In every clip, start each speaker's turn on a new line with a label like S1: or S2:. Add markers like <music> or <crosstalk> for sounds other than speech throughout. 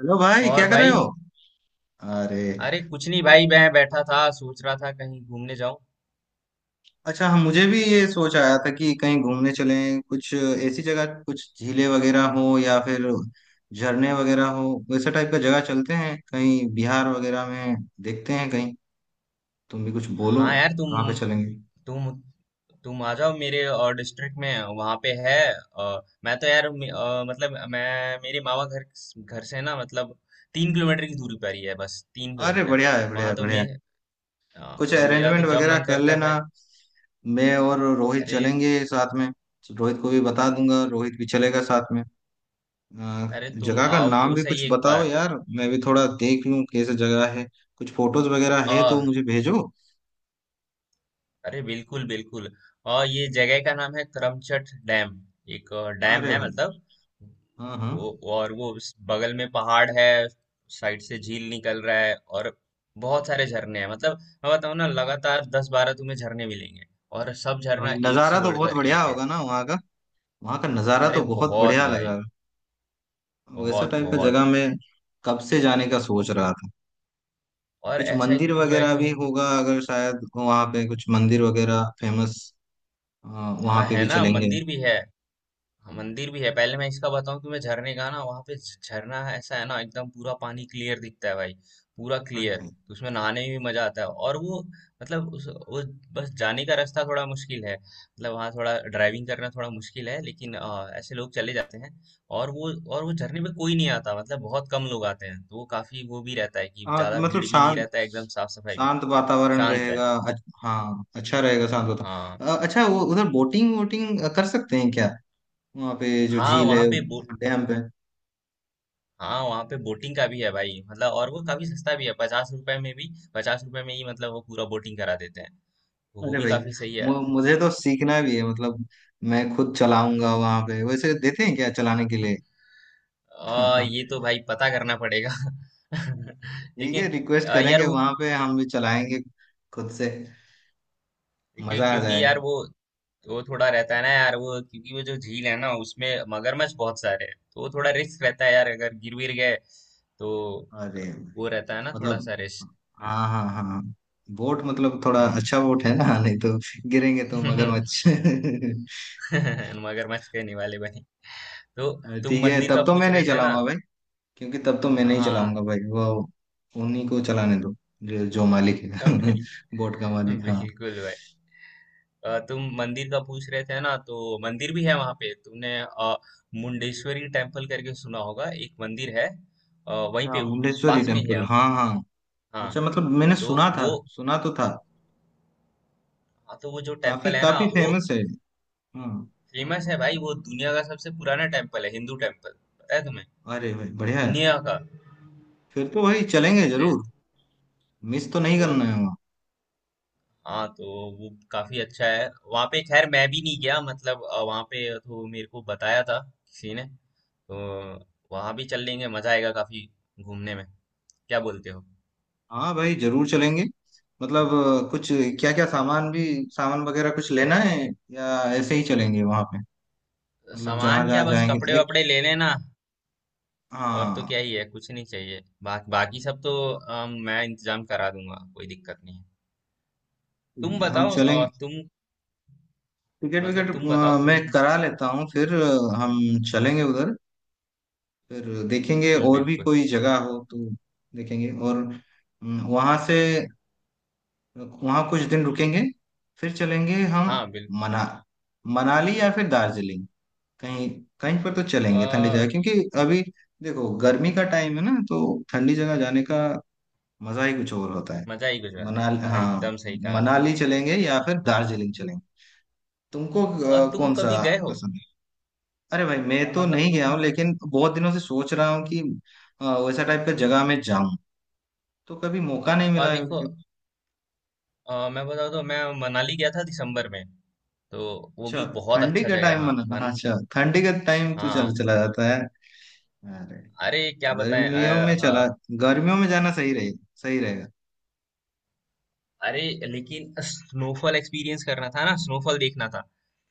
S1: Hello भाई, क्या
S2: और
S1: कर रहे
S2: भाई।
S1: हो? अरे,
S2: अरे कुछ नहीं भाई, मैं बैठा था सोच रहा था कहीं घूमने जाऊं।
S1: अच्छा हम मुझे भी ये सोच आया था कि कहीं घूमने चलें। कुछ ऐसी जगह, कुछ झीलें वगैरह हो या फिर झरने वगैरह हो, वैसे टाइप का जगह चलते हैं कहीं बिहार वगैरह में। देखते हैं कहीं। तुम भी कुछ बोलो,
S2: हाँ यार,
S1: कहाँ पे चलेंगे?
S2: तुम तुम आ जाओ मेरे और डिस्ट्रिक्ट में। वहां पे है। मैं तो यार मतलब मैं मेरे मामा घर घर से ना मतलब तीन किलोमीटर की दूरी पर ही है, बस तीन
S1: अरे
S2: किलोमीटर
S1: बढ़िया है, बढ़िया है,
S2: वहां तो
S1: बढ़िया
S2: मैं।
S1: है। कुछ
S2: मेरा तो
S1: अरेंजमेंट
S2: जब
S1: वगैरह
S2: मन
S1: कर
S2: करता है
S1: लेना।
S2: भाई।
S1: मैं और रोहित
S2: अरे,
S1: चलेंगे साथ में। रोहित को भी बता दूंगा, रोहित भी चलेगा साथ में। आ,
S2: अरे तुम
S1: जगह का
S2: आओ
S1: नाम
S2: तो
S1: भी
S2: सही
S1: कुछ
S2: एक
S1: बताओ यार, मैं भी थोड़ा देख लूं कैसे जगह है। कुछ फोटोज वगैरह है तो
S2: बार।
S1: मुझे भेजो।
S2: अरे बिल्कुल बिल्कुल। और ये जगह का नाम है करमचट डैम। एक डैम
S1: अरे
S2: है
S1: भाई,
S2: मतलब।
S1: हाँ हाँ।
S2: वो, और वो उस बगल में पहाड़ है, साइड से झील निकल रहा है। और बहुत सारे झरने हैं, मतलब मैं बताऊँ ना, लगातार 10-12 तुम्हें झरने मिलेंगे। और सब
S1: अरे भाई,
S2: झरना एक
S1: नज़ारा
S2: से
S1: तो बहुत
S2: बढ़कर
S1: बढ़िया
S2: एक है।
S1: होगा ना वहाँ का। वहाँ का नज़ारा
S2: अरे
S1: तो बहुत
S2: बहुत
S1: बढ़िया लग
S2: भाई,
S1: रहा है। वैसा
S2: बहुत
S1: टाइप का जगह
S2: बहुत।
S1: मैं कब से जाने का
S2: ओ,
S1: सोच रहा था।
S2: और
S1: कुछ
S2: ऐसा है कि
S1: मंदिर
S2: पूरा
S1: वगैरह
S2: एकदम।
S1: भी होगा अगर, शायद वहाँ पे कुछ मंदिर वगैरह फेमस, वहाँ
S2: हाँ
S1: पे
S2: है
S1: भी
S2: ना,
S1: चलेंगे।
S2: मंदिर भी है। हाँ, मंदिर भी है। पहले मैं इसका बताऊं तुम्हें झरने का ना, वहां पे झरना है। ऐसा है ना, एकदम पूरा पानी क्लियर दिखता है भाई। पूरा क्लियर, तो उसमें नहाने में भी मजा आता है। और वो मतलब उस, वो बस जाने का रास्ता थोड़ा मुश्किल है, मतलब वहाँ थोड़ा ड्राइविंग करना थोड़ा मुश्किल है, लेकिन ऐसे लोग चले जाते हैं। और वो झरने में कोई नहीं आता, मतलब बहुत कम लोग आते हैं, तो वो काफी वो भी रहता है कि
S1: हाँ
S2: ज्यादा
S1: मतलब
S2: भीड़ भी नहीं
S1: शांत,
S2: रहता है, एकदम साफ सफाई भी रहती
S1: शांत
S2: है।
S1: वातावरण
S2: शांत है।
S1: रहेगा हाँ, अच्छा रहेगा शांत
S2: हाँ।
S1: वातावरण। अच्छा, वो उधर बोटिंग वोटिंग कर सकते हैं क्या? वहाँ पे जो
S2: हाँ,
S1: झील
S2: वहाँ
S1: है,
S2: पे।
S1: डैम पे।
S2: हाँ, वहाँ पे बोटिंग का भी है भाई, मतलब। और वो काफी सस्ता भी है, 50 रुपए में भी, 50 रुपए में ही मतलब वो पूरा बोटिंग करा देते हैं। तो वो
S1: अरे
S2: भी
S1: भाई,
S2: काफी सही है।
S1: मुझे तो सीखना भी है मतलब। मैं खुद चलाऊंगा वहाँ पे, वैसे देते हैं क्या चलाने के लिए?
S2: <laughs> ये
S1: <laughs>
S2: तो भाई पता करना पड़ेगा। <laughs>
S1: ठीक है,
S2: लेकिन
S1: रिक्वेस्ट
S2: यार
S1: करेंगे
S2: वो,
S1: वहाँ पे, हम भी चलाएंगे खुद से।
S2: क्यों,
S1: मजा आ
S2: क्योंकि यार
S1: जाएगा।
S2: वो थोड़ा रहता है ना यार, वो क्योंकि वो जो झील है ना, उसमें मगरमच्छ बहुत सारे हैं, तो वो थोड़ा रिस्क रहता है यार, अगर गिर गिर गए तो।
S1: अरे भाई,
S2: वो रहता है ना थोड़ा
S1: मतलब,
S2: सा रिस्क।
S1: हाँ हाँ हाँ। बोट मतलब थोड़ा
S2: हाँ।
S1: अच्छा बोट है ना, नहीं तो गिरेंगे तो
S2: <laughs>
S1: मगरमच्छ। <laughs>
S2: मगरमच्छ के निवाले बने तो।
S1: अरे
S2: तुम
S1: ठीक है,
S2: मंदिर का
S1: तब तो मैं
S2: पूछ रहे
S1: नहीं
S2: थे ना।
S1: चलाऊंगा भाई। क्योंकि तब तो मैं नहीं
S2: हाँ।
S1: चलाऊंगा भाई वो। उन्हीं को चलाने दो जो मालिक है।
S2: <laughs> बिल,
S1: <laughs> बोट का मालिक, हाँ।
S2: बिल्कुल भाई। तुम मंदिर का पूछ रहे थे ना, तो मंदिर भी है वहां पे। तुमने मुंडेश्वरी टेम्पल करके सुना होगा, एक मंदिर है वहीं
S1: अच्छा,
S2: पे,
S1: मुंडेश्वरी
S2: पास में ही
S1: टेम्पल,
S2: है।
S1: हाँ हाँ।
S2: हाँ,
S1: अच्छा मतलब मैंने
S2: तो
S1: सुना था,
S2: वो,
S1: सुना तो था।
S2: हाँ तो वो जो
S1: काफी
S2: टेम्पल है ना,
S1: काफी
S2: वो
S1: फेमस है, हाँ।
S2: फेमस है भाई, वो दुनिया का सबसे पुराना टेम्पल है, हिंदू टेम्पल। पता है तुम्हें?
S1: अरे भाई बढ़िया है,
S2: दुनिया का।
S1: फिर तो भाई चलेंगे
S2: समझे?
S1: जरूर। मिस तो नहीं
S2: वो,
S1: करना है वहाँ।
S2: हाँ तो वो काफी अच्छा है वहां पे। खैर मैं भी नहीं गया मतलब, वहां पे तो मेरे को बताया था किसी ने। तो वहां भी चल लेंगे, मजा आएगा काफी घूमने में। क्या बोलते हो?
S1: हाँ भाई, जरूर चलेंगे। मतलब कुछ क्या क्या सामान भी, सामान वगैरह कुछ लेना है या ऐसे ही चलेंगे वहां पे? मतलब जहां
S2: सामान क्या,
S1: जहां
S2: बस
S1: जाएंगे
S2: कपड़े
S1: एक।
S2: वपड़े ले लेना। और तो
S1: हाँ
S2: क्या ही है, कुछ नहीं चाहिए। बाकी सब तो मैं इंतजाम करा दूंगा, कोई दिक्कत नहीं है।
S1: ठीक
S2: तुम
S1: है, हम
S2: बताओ
S1: चलेंगे।
S2: तुम,
S1: टिकट विकेट
S2: मतलब तुम बताओ
S1: मैं
S2: तुम।
S1: करा लेता हूँ, फिर हम चलेंगे उधर। फिर देखेंगे
S2: बिल्कुल
S1: और भी
S2: बिल्कुल।
S1: कोई जगह हो तो देखेंगे, और वहां से, वहां कुछ दिन रुकेंगे फिर चलेंगे हम।
S2: हाँ बिल्कुल।
S1: मना मनाली या फिर दार्जिलिंग, कहीं, कहीं पर तो चलेंगे ठंडी
S2: आ,
S1: जगह, क्योंकि अभी देखो गर्मी का टाइम है ना, तो ठंडी जगह जाने का मजा ही कुछ और होता है।
S2: मजा ही गुजरा
S1: मनाली,
S2: भाई,
S1: हाँ।
S2: एकदम सही कहा।
S1: मनाली चलेंगे या फिर दार्जिलिंग चलेंगे? तुमको
S2: और तुम
S1: कौन सा
S2: कभी गए हो
S1: पसंद है? अरे भाई, मैं तो
S2: मतलब
S1: नहीं गया
S2: तुम?
S1: हूँ, लेकिन बहुत दिनों से सोच रहा हूँ कि वैसा टाइप का जगह में जाऊं, तो कभी मौका नहीं
S2: और
S1: मिला है।
S2: देखो, मैं बताऊँ तो, मैं मनाली गया था दिसंबर में। तो वो
S1: अच्छा,
S2: भी बहुत
S1: ठंडी
S2: अच्छा
S1: का
S2: जगह है।
S1: टाइम
S2: हाँ
S1: मना हाँ,
S2: मन।
S1: अच्छा, ठंडी का टाइम तो चल
S2: हाँ।
S1: चला जाता है। अरे,
S2: अरे क्या बताएं
S1: गर्मियों में
S2: हाँ।
S1: चला, गर्मियों में जाना सही रहेगा।
S2: अरे, लेकिन स्नोफॉल एक्सपीरियंस करना था ना, स्नोफॉल देखना था,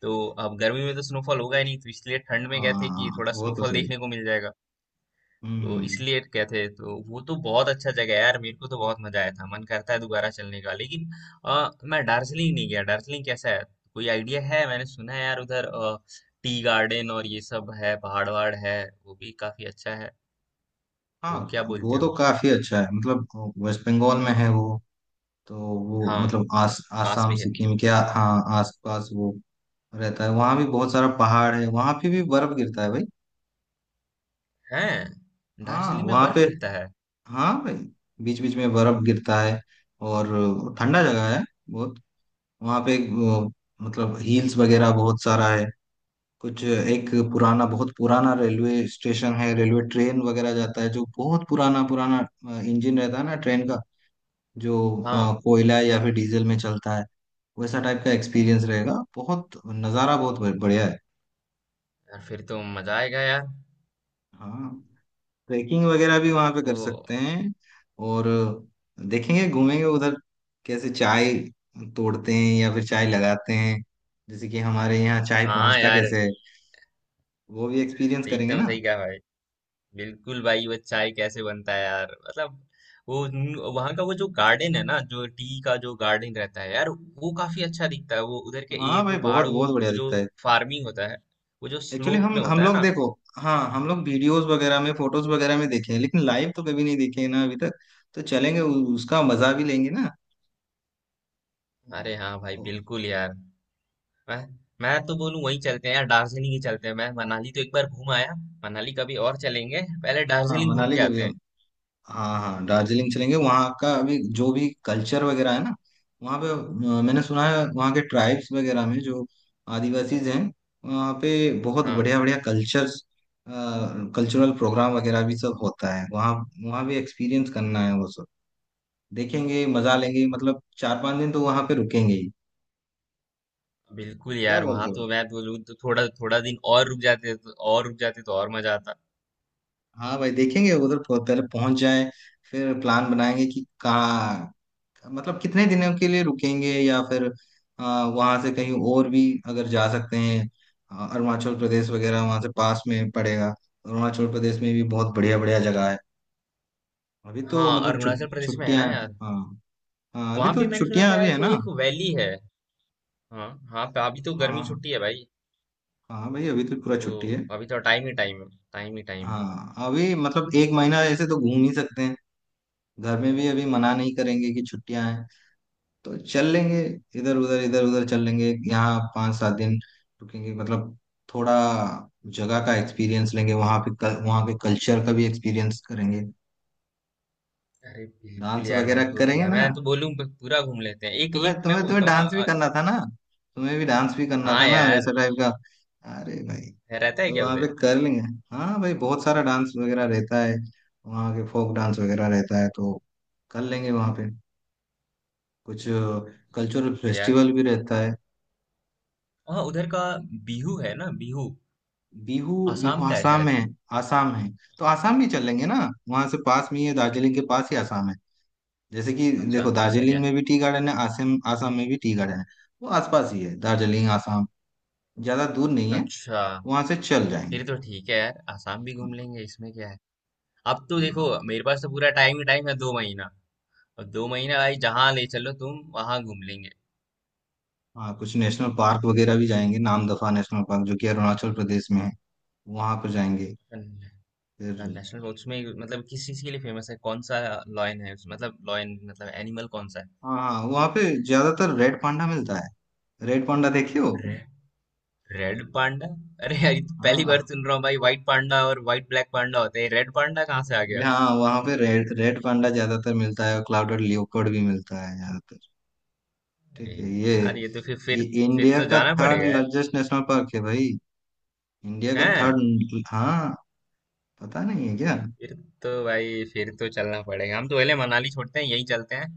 S2: तो अब गर्मी में तो स्नोफॉल होगा ही नहीं, तो इसलिए ठंड में गए थे कि
S1: हाँ
S2: थोड़ा
S1: वो तो
S2: स्नोफॉल
S1: सही।
S2: देखने को मिल जाएगा। तो
S1: हम्म।
S2: इसलिए गए थे। तो वो तो बहुत अच्छा जगह है यार, मेरे को तो बहुत मजा आया था, मन करता है दोबारा चलने का। लेकिन मैं दार्जिलिंग नहीं गया। दार्जिलिंग कैसा है, कोई आइडिया है? मैंने सुना है यार उधर टी गार्डन और ये सब है, पहाड़ वहाड़ है, वो भी काफी अच्छा है।
S1: हाँ,
S2: तो क्या बोलते
S1: वो तो
S2: हो?
S1: काफी अच्छा है, मतलब वेस्ट बंगाल में है वो। तो वो
S2: हाँ,
S1: मतलब आस
S2: पास
S1: आसाम
S2: भी है।
S1: सिक्किम के हाँ, आसपास वो रहता है, वहाँ भी बहुत सारा पहाड़ है, वहाँ पे भी बर्फ गिरता है भाई।
S2: हैं?
S1: हाँ
S2: दार्जिलिंग में
S1: वहाँ
S2: बर्फ
S1: पे,
S2: गिरता है?
S1: हाँ भाई, बीच बीच में बर्फ गिरता है। और ठंडा जगह है बहुत। वहाँ पे मतलब हिल्स वगैरह बहुत सारा है। कुछ एक पुराना, बहुत पुराना रेलवे स्टेशन है, रेलवे ट्रेन वगैरह जाता है जो बहुत पुराना पुराना इंजन रहता है ना ट्रेन का, जो
S2: हाँ।
S1: कोयला या फिर डीजल में चलता है। वैसा टाइप का एक्सपीरियंस रहेगा, बहुत नज़ारा बहुत बढ़िया है।
S2: यार फिर तो मजा आएगा यार।
S1: हाँ, ट्रैकिंग वगैरह भी वहाँ पे
S2: तो
S1: कर सकते हैं। और देखेंगे घूमेंगे उधर, कैसे चाय तोड़ते हैं या फिर चाय लगाते हैं, जैसे कि हमारे यहाँ चाय
S2: हाँ
S1: पहुँचता
S2: यार,
S1: कैसे है, वो भी एक्सपीरियंस करेंगे
S2: एकदम
S1: ना।
S2: सही कहा भाई। बिल्कुल भाई, वो चाय कैसे बनता है यार। मतलब वो वहाँ का, वो जो गार्डन है ना, जो टी का जो गार्डन रहता है यार, वो काफी अच्छा दिखता है। वो उधर के ये
S1: हाँ भाई,
S2: जो
S1: बहुत
S2: पहाड़, वो
S1: बहुत बढ़िया
S2: वो जो
S1: दिखता है।
S2: फार्मिंग होता है, वो जो
S1: एक्चुअली
S2: स्लोप
S1: हम
S2: में
S1: हम
S2: होता है
S1: लोग
S2: ना।
S1: देखो, हाँ हम लोग वीडियोस वगैरह में, फोटोज वगैरह में देखे हैं, लेकिन लाइव तो कभी नहीं देखे हैं ना अभी तक। तो चलेंगे, उसका मजा भी लेंगे ना।
S2: अरे हाँ भाई, बिल्कुल यार। मैं मैं तो बोलूँ वहीं चलते हैं यार, दार्जिलिंग ही चलते हैं। मैं मनाली तो एक बार घूम आया, मनाली कभी और चलेंगे। पहले
S1: हाँ
S2: दार्जिलिंग घूम
S1: मनाली
S2: के
S1: कभी
S2: आते हैं।
S1: हाँ हाँ, दार्जिलिंग चलेंगे। वहाँ का अभी जो भी कल्चर वगैरह है ना वहाँ पे, मैंने सुना है वहाँ के ट्राइब्स वगैरह में जो आदिवासीज हैं, वहाँ पे बहुत
S2: हाँ
S1: बढ़िया बढ़िया कल्चर्स, कल्चरल प्रोग्राम वगैरह भी सब होता है वहाँ। वहाँ भी एक्सपीरियंस करना है वो सब। देखेंगे, मजा लेंगे, मतलब चार पांच दिन तो वहां पे रुकेंगे ही।
S2: बिल्कुल
S1: क्या
S2: यार, वहां
S1: बोलते हो?
S2: तो मैं बोलूँ तो थोड़ा थोड़ा दिन और रुक जाते तो, और रुक जाते तो और मजा आता।
S1: हाँ भाई, देखेंगे उधर पहले पहुंच जाए, फिर प्लान बनाएंगे कि कहाँ, मतलब कितने दिनों के लिए रुकेंगे या फिर वहां से कहीं और भी अगर जा सकते हैं। अरुणाचल प्रदेश वगैरह वहां से पास में पड़ेगा। अरुणाचल प्रदेश में भी बहुत बढ़िया बढ़िया जगह है। अभी
S2: हाँ,
S1: तो मतलब
S2: अरुणाचल प्रदेश में है
S1: छुट्टियां,
S2: ना यार,
S1: हाँ। हाँ, अभी
S2: वहां
S1: तो
S2: भी मैंने सुना
S1: छुट्टियां
S2: था
S1: अभी
S2: यार,
S1: है
S2: कोई
S1: ना।
S2: एक वैली है। हाँ, हाँ पे अभी तो गर्मी
S1: हाँ,
S2: छुट्टी है भाई।
S1: हाँ भाई, अभी तो पूरा
S2: तो
S1: छुट्टी है।
S2: अभी तो टाइम ही टाइम है, टाइम ही टाइम है।
S1: हाँ अभी मतलब एक महीना ऐसे तो घूम ही सकते हैं। घर में भी अभी मना नहीं करेंगे कि छुट्टियां हैं तो चल लेंगे। इधर उधर चल लेंगे, यहाँ पाँच सात दिन रुकेंगे, मतलब थोड़ा जगह का एक्सपीरियंस लेंगे, वहाँ पे वहाँ के कल्चर का भी एक्सपीरियंस करेंगे।
S2: अरे बिल्कुल
S1: डांस
S2: यार, मैं
S1: वगैरह
S2: तो
S1: करेंगे
S2: यार
S1: ना,
S2: मैं तो बोलूँ पूरा घूम लेते हैं एक
S1: तुम्हें
S2: एक, मैं
S1: तुम्हें तुम्हें
S2: बोलता हूँ ना।
S1: डांस भी करना था ना। तुम्हें भी डांस भी करना
S2: हाँ
S1: था ना वैसा
S2: यार,
S1: टाइप का। अरे भाई,
S2: रहता है
S1: तो
S2: क्या
S1: वहाँ पे
S2: उधर?
S1: कर लेंगे। हाँ भाई, बहुत सारा डांस वगैरह रहता है, वहाँ के फोक डांस वगैरह रहता है, तो कर लेंगे वहाँ पे कुछ। कल्चरल
S2: यार,
S1: फेस्टिवल भी रहता है।
S2: हाँ उधर का बिहू है ना। बिहू
S1: बिहू। बिहू
S2: आसाम का है
S1: आसाम
S2: शायद।
S1: है, आसाम है, तो आसाम भी चल लेंगे ना। वहां से पास में ही है, दार्जिलिंग के पास ही आसाम है। जैसे कि
S2: अच्छा,
S1: देखो
S2: ऐसा
S1: दार्जिलिंग
S2: क्या?
S1: में भी टी गार्डन है, आसाम आसाम में भी टी गार्डन है। वो आसपास ही है दार्जिलिंग आसाम, ज्यादा दूर नहीं है,
S2: अच्छा
S1: वहां से चल जाएंगे।
S2: फिर तो ठीक है यार, आसाम भी घूम लेंगे, इसमें क्या है। अब तो देखो,
S1: हाँ
S2: मेरे पास तो पूरा टाइम ही टाइम है, 2 महीना। और 2 महीना भाई, जहाँ ले चलो तुम, वहां घूम लेंगे।
S1: हाँ, कुछ नेशनल पार्क वगैरह भी जाएंगे। नामदफा नेशनल पार्क जो कि अरुणाचल प्रदेश में है, वहां पर जाएंगे फिर।
S2: नेशनल पार्क उसमें मतलब किस चीज के लिए फेमस है, कौन सा? लॉयन है उसमें, मतलब लॉयन मतलब एनिमल कौन सा है?
S1: हाँ हाँ, वहाँ पे ज्यादातर रेड पांडा मिलता है। रेड पांडा देखे हो?
S2: रे, रेड पांडा? अरे यार ये तो पहली
S1: हाँ।
S2: बार सुन रहा हूँ भाई, व्हाइट पांडा और व्हाइट ब्लैक पांडा होते हैं, रेड पांडा कहाँ से आ
S1: Actually,
S2: गया?
S1: हाँ वहाँ पे रेड रेड पांडा ज्यादातर मिलता है, और क्लाउडेड लियोपर्ड भी मिलता है ज्यादातर।
S2: अरे
S1: ठीक है ये,
S2: यार ये तो फिर
S1: ये
S2: फिर फिर
S1: इंडिया
S2: तो
S1: का
S2: जाना
S1: थर्ड
S2: पड़ेगा यार।
S1: लार्जेस्ट नेशनल पार्क है भाई। इंडिया का
S2: हैं?
S1: थर्ड, हाँ, पता नहीं है क्या?
S2: फिर तो भाई, फिर तो चलना पड़ेगा, हम तो पहले मनाली छोड़ते हैं, यहीं चलते हैं।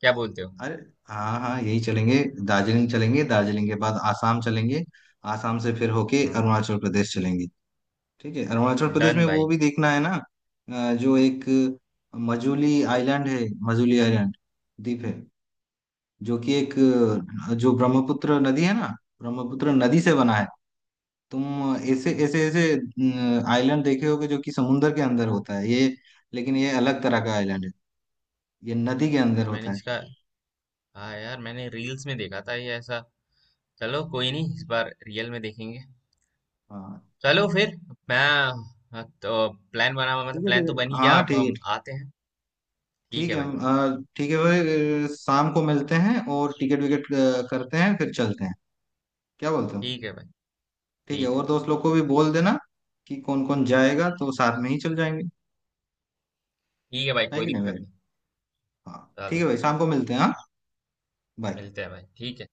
S2: क्या बोलते हो?
S1: अरे हाँ हाँ, यही चलेंगे। दार्जिलिंग चलेंगे, दार्जिलिंग के बाद आसाम चलेंगे, आसाम से फिर होके
S2: हाँ
S1: अरुणाचल प्रदेश चलेंगे। ठीक है, अरुणाचल प्रदेश
S2: डन
S1: में वो
S2: भाई।
S1: भी देखना है ना, जो एक मजूली आइलैंड है, मजूली आइलैंड, द्वीप है, जो कि एक, जो ब्रह्मपुत्र नदी है ना, ब्रह्मपुत्र नदी से बना है। तुम ऐसे ऐसे ऐसे आइलैंड देखे होगे जो कि समुंदर के अंदर होता है ये, लेकिन ये अलग तरह का आइलैंड है, ये नदी के अंदर
S2: यार मैंने
S1: होता है।
S2: इसका, हाँ यार मैंने रील्स में देखा था ये ऐसा। चलो कोई नहीं, इस बार रियल में देखेंगे।
S1: हाँ
S2: चलो फिर मैं, हाँ, तो प्लान बना
S1: ठीक
S2: मतलब,
S1: है,
S2: प्लान
S1: ठीक
S2: तो बन
S1: है,
S2: ही गया,
S1: हाँ
S2: अब
S1: ठीक है।
S2: हम आते हैं। ठीक
S1: ठीक
S2: है
S1: है
S2: भाई।
S1: ठीक है भाई। शाम को मिलते हैं और टिकट विकेट करते हैं फिर चलते हैं, क्या बोलते हो?
S2: ठीक है भाई।
S1: ठीक है,
S2: ठीक है।
S1: और दोस्त लोग को भी बोल देना कि कौन कौन जाएगा, तो साथ में ही चल जाएंगे,
S2: ठीक है भाई,
S1: है
S2: कोई
S1: कि नहीं
S2: दिक्कत
S1: भाई?
S2: नहीं।
S1: हाँ ठीक
S2: चलो
S1: है भाई, शाम को मिलते हैं, हाँ। बाय।
S2: मिलते हैं भाई, ठीक है।